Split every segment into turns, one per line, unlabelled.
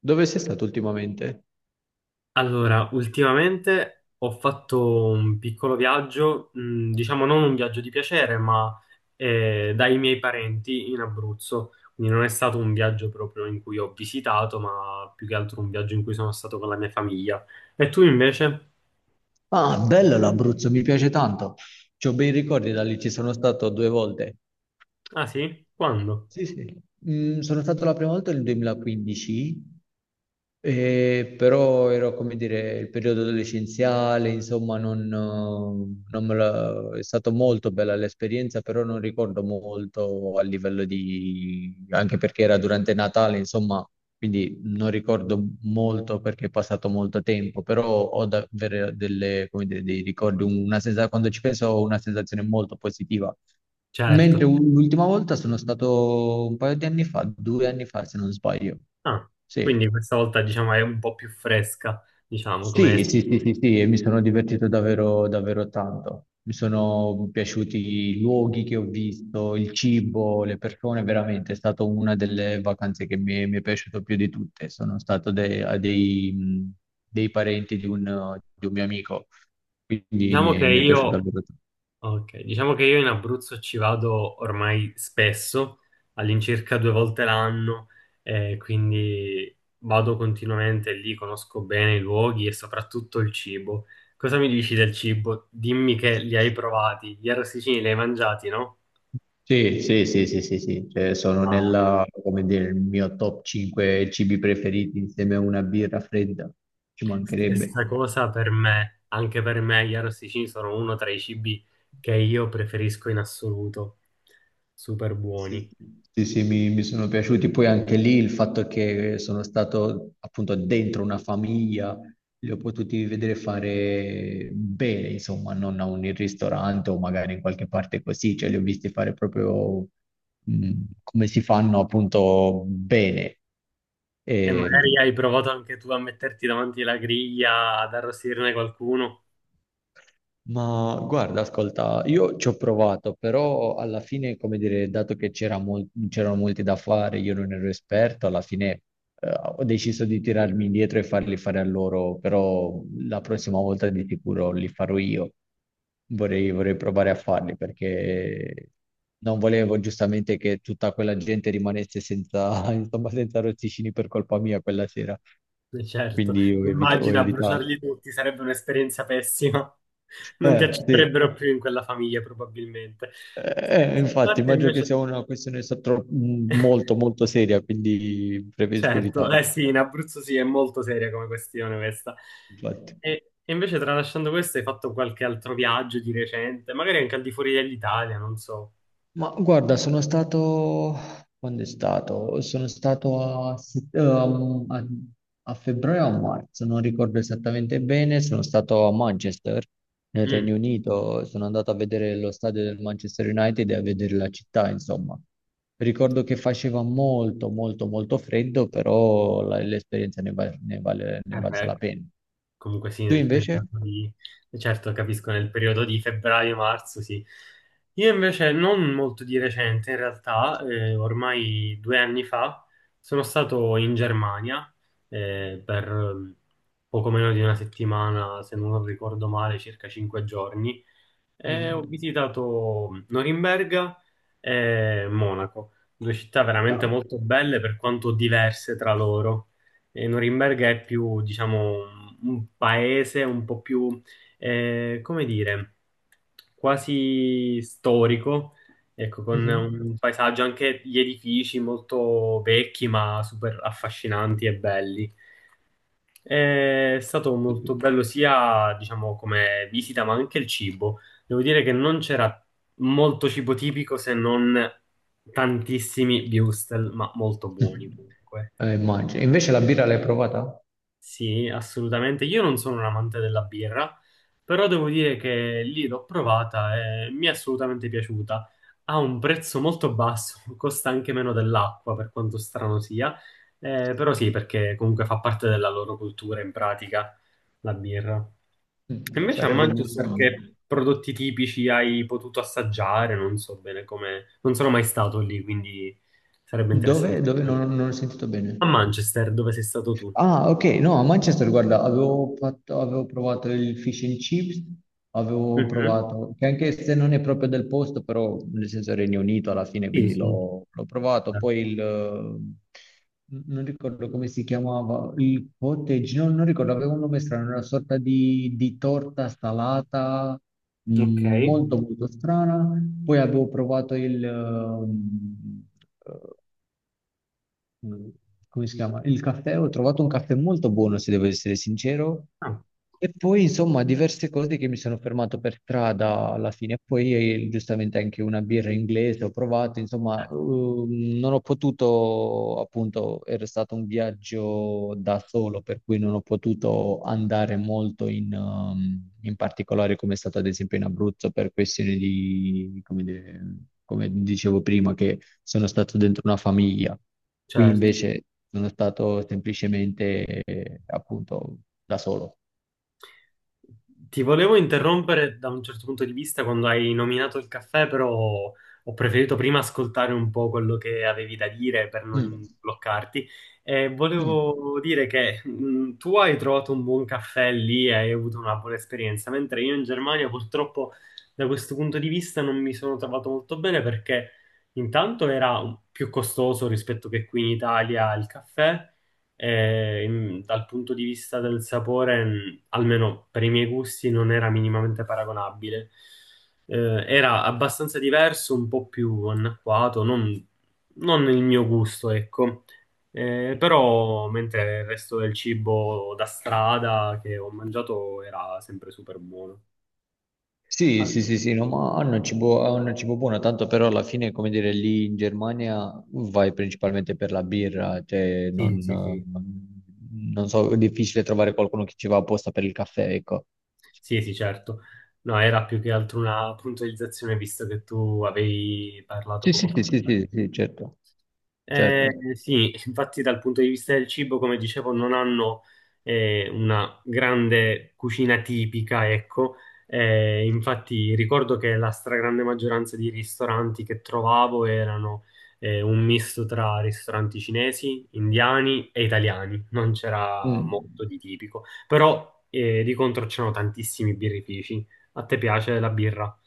Dove sei stato ultimamente?
Allora, ultimamente ho fatto un piccolo viaggio, diciamo non un viaggio di piacere, ma dai miei parenti in Abruzzo. Quindi non è stato un viaggio proprio in cui ho visitato, ma più che altro un viaggio in cui sono stato con la mia famiglia. E tu invece?
Ah, bello l'Abruzzo, mi piace tanto. C'ho bei ricordi da lì, ci sono stato due volte.
Ah sì? Quando?
Sì, sì. Sono stato la prima volta nel 2015. E però era come dire il periodo adolescenziale, insomma, non, non me la- è stata molto bella l'esperienza, però non ricordo molto a livello di, anche perché era durante Natale, insomma, quindi non ricordo molto perché è passato molto tempo, però ho davvero delle, come dire, dei ricordi, quando ci penso ho una sensazione molto positiva.
Certo.
Mentre l'ultima volta sono stato un paio di anni fa, due anni fa se non sbaglio.
Ah,
Sì.
quindi questa volta diciamo è un po' più fresca, diciamo
Sì,
come...
sì, sì, sì, sì, e mi sono divertito davvero, davvero tanto. Mi sono piaciuti i luoghi che ho visto, il cibo, le persone, veramente è stata una delle vacanze che mi è piaciuto più di tutte. Sono stato a dei parenti di un mio amico, quindi mi
Diciamo che
è, mi è piaciuto
io
davvero tanto.
Ok, diciamo che io in Abruzzo ci vado ormai spesso, all'incirca due volte l'anno, quindi vado continuamente lì, conosco bene i luoghi e soprattutto il cibo. Cosa mi dici del cibo? Dimmi che li hai provati, gli arrosticini li hai mangiati, no?
Sì, sì, sì, sì, sì, sì. Cioè, sono
Ah,
nella, come dire, il mio top cinque cibi preferiti insieme a una birra fredda, ci mancherebbe.
stessa cosa per me, anche per me gli arrosticini sono uno tra i cibi che io preferisco in assoluto, super buoni.
Sì, sì, sì, mi sono piaciuti. Poi anche lì il fatto che sono stato appunto dentro una famiglia, li ho potuti vedere fare bene, insomma, non a un ristorante o magari in qualche parte così, cioè li ho visti fare proprio mh, come si fanno appunto bene.
E
Ehm,
magari hai provato anche tu a metterti davanti la griglia, ad arrostirne qualcuno.
Ma guarda, ascolta, io ci ho provato, però alla fine, come dire, dato che c'erano molti da fare, io non ero esperto, alla fine ho deciso di tirarmi indietro e farli fare a loro, però la prossima volta di sicuro li farò io. Vorrei provare a farli perché non volevo giustamente che tutta quella gente rimanesse senza, insomma, senza rossicini per colpa mia quella sera,
Certo,
quindi ho
immagina
evitato.
bruciarli tutti, sarebbe un'esperienza pessima. Non ti
Sì.
accetterebbero più in quella famiglia, probabilmente. Scherzi a
Infatti,
parte
immagino che
invece,
sia una questione molto, molto seria, quindi preferisco
certo,
evitare.
eh sì, in Abruzzo sì, è molto seria come questione questa.
Infatti.
E invece, tralasciando questo, hai fatto qualche altro viaggio di recente, magari anche al di fuori dell'Italia, non so.
Ma guarda, sono stato... Quando è stato? Sono stato a, set- um, a- a febbraio o a marzo, non ricordo esattamente bene, sono stato a Manchester, nel
Mm.
Regno Unito, sono andato a vedere lo stadio del Manchester United e a vedere la città, insomma. Ricordo che faceva molto, molto, molto freddo, però l'esperienza ne, va- ne vale, ne
Eh
valsa
beh,
la pena.
comunque sì,
Tu
nel
invece?
periodo di... Certo, capisco, nel periodo di febbraio-marzo, sì. Io invece, non molto di recente, in realtà, ormai 2 anni fa, sono stato in Germania per poco meno di una settimana, se non ricordo male, circa 5 giorni, e ho
Mhm.
visitato Norimberga e Monaco, due città veramente
Ah,
molto belle per quanto diverse tra loro. E Norimberga è più, diciamo, un paese un po' più, come dire, quasi storico, ecco, con un paesaggio, anche gli edifici molto vecchi, ma super affascinanti e belli. È stato molto
mhm.
bello sia, diciamo, come visita, ma anche il cibo. Devo dire che non c'era molto cibo tipico se non tantissimi würstel, ma molto buoni comunque.
Immagino. Invece la birra l'hai provata?
Sì, assolutamente. Io non sono un amante della birra, però devo dire che lì l'ho provata e mi è assolutamente piaciuta. Ha un prezzo molto basso, costa anche meno dell'acqua, per quanto strano sia. Però sì, perché comunque fa parte della loro cultura in pratica la birra. E invece a
Sarebbe il mio
Manchester
sogno.
che prodotti tipici hai potuto assaggiare? Non so bene come... Non sono mai stato lì, quindi sarebbe
Dove?
interessante
Dove? Non,
capire.
non ho sentito
A
bene.
Manchester, dove sei stato tu?
Ah, ok, no, a Manchester, guarda, avevo provato il fish and chips, avevo
Mhm.
provato, che anche se non è proprio del posto, però nel senso Regno Unito alla fine,
Sì,
quindi
sì,
l'ho provato. Poi
certo.
il, non ricordo come si chiamava, il cottage, no, non ricordo, aveva un nome strano, era una sorta di, torta salata,
Ok.
molto molto strana. Poi avevo provato il, mm, come si chiama? Il caffè, ho trovato un caffè molto buono, se devo essere sincero,
Ah,
e poi, insomma, diverse cose che mi sono fermato per strada alla fine. E poi, giustamente, anche una birra inglese ho provato. Insomma,
certo.
non ho potuto, appunto, era stato un viaggio da solo, per cui non ho potuto andare molto in particolare, come è stato ad esempio in Abruzzo, per questioni di, come, dire, come dicevo prima, che sono stato dentro una famiglia. Qui
Certo.
invece sono stato semplicemente, appunto, da solo.
Ti volevo interrompere da un certo punto di vista quando hai nominato il caffè, però ho preferito prima ascoltare un po' quello che avevi da dire per
Mm,
non bloccarti. E
mm.
volevo dire che tu hai trovato un buon caffè lì e hai avuto una buona esperienza, mentre io in Germania purtroppo da questo punto di vista non mi sono trovato molto bene perché intanto era più costoso rispetto che qui in Italia il caffè. E, dal punto di vista del sapore, almeno per i miei gusti, non era minimamente paragonabile. Eh, Era abbastanza diverso, un po' più anacquato, non il mio gusto, ecco. Però, mentre il resto del cibo da strada che ho mangiato era sempre super buono.
Sì,
Ah,
sì, sì, sì, no, ma hanno il cibo buono, tanto però alla fine, come dire, lì in Germania vai principalmente per la birra, cioè
sì,
non,
sì, sì,
eh, non so, è difficile trovare qualcuno che ci va apposta per il caffè, ecco.
sì, sì, certo. No, era più che altro una puntualizzazione, visto che tu avevi parlato
Sì,
poco
sì,
fa.
sì, sì, sì, sì, certo, certo.
Sì, infatti dal punto di vista del cibo, come dicevo, non hanno una grande cucina tipica, ecco. Infatti ricordo che la stragrande maggioranza di ristoranti che trovavo erano un misto tra ristoranti cinesi, indiani e italiani. Non c'era molto
Mm.
di tipico, però di contro c'erano tantissimi birrifici. A te piace la birra?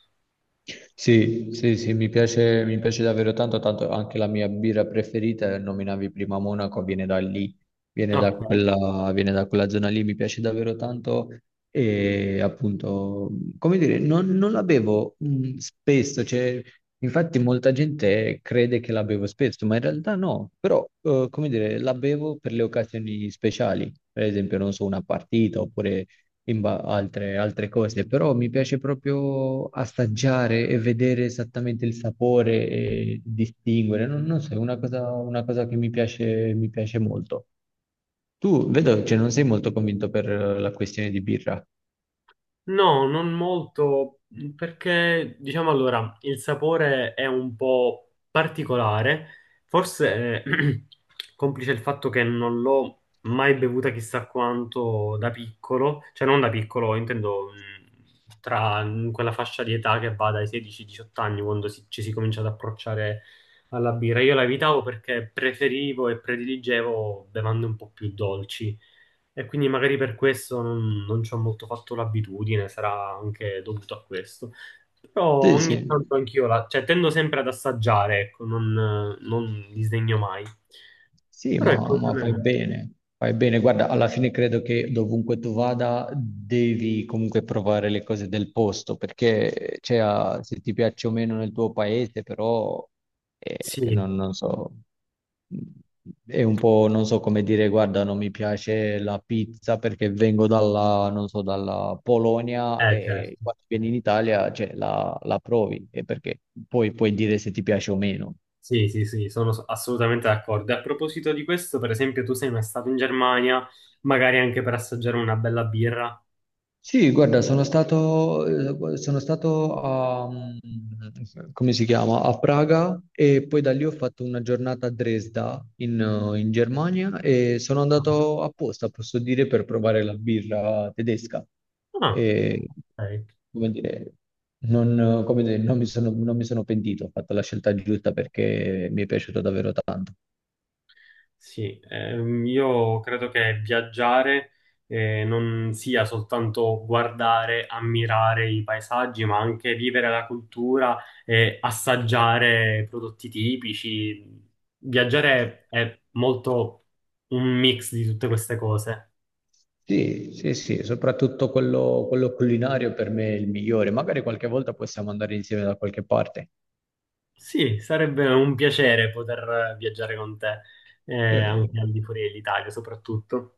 Sì, sì, sì, mi piace davvero tanto, tanto anche la mia birra preferita, nominavi prima Monaco, viene da lì, viene da
Ok.
quella, viene da quella zona lì, mi piace davvero tanto e appunto, come dire, non la bevo spesso, cioè, infatti molta gente crede che la bevo spesso, ma in realtà no, però come dire, la bevo per le occasioni speciali, per esempio, non so, una partita oppure altre cose, però mi piace proprio assaggiare e vedere esattamente il sapore e distinguere. Non so, è una cosa che mi piace molto. Tu vedo che non sei molto convinto per la questione di birra.
No, non molto, perché diciamo allora, il sapore è un po' particolare, forse complice il fatto che non l'ho mai bevuta chissà quanto da piccolo, cioè non da piccolo, intendo tra quella fascia di età che va dai 16-18 anni, quando ci si comincia ad approcciare alla birra. Io la evitavo perché preferivo e prediligevo bevande un po' più dolci. E quindi magari per questo non ci ho molto fatto l'abitudine, sarà anche dovuto a questo. Però
Sì,
ogni
sì.
tanto anch'io la, cioè tendo sempre ad assaggiare, ecco, non disdegno mai.
Sì,
Però
ma,
ecco,
ma
non
fai
è-
bene, fai bene. Guarda, alla fine credo che dovunque tu vada devi comunque provare le cose del posto, perché cioè, ah, se ti piace o meno nel tuo paese, però
sì,
non so, è un po', non so come dire, guarda, non mi piace la pizza perché vengo dalla, non so, dalla Polonia e
certo.
quando vieni in Italia, cioè, la provi, e perché poi puoi dire se ti piace o meno.
Sì, sì, sì, sono assolutamente d'accordo. E a proposito di questo, per esempio, tu sei mai stato in Germania, magari anche per assaggiare una bella birra?
Sì, guarda, sono stato a, come si chiama? A Praga e poi da lì ho fatto una giornata a Dresda in Germania e sono andato apposta, posso dire, per provare la birra tedesca.
Ah,
E,
ok.
come dire, non mi sono pentito, ho fatto la scelta giusta perché mi è piaciuto davvero tanto.
Sì, io credo che viaggiare non sia soltanto guardare, ammirare i paesaggi, ma anche vivere la cultura e assaggiare prodotti tipici. Viaggiare è molto un mix di tutte queste cose.
Sì, sì, sì, soprattutto quello culinario per me è il migliore. Magari qualche volta possiamo andare insieme da qualche parte.
Sì, sarebbe un piacere poter viaggiare con te,
Sì.
anche al di fuori dell'Italia soprattutto.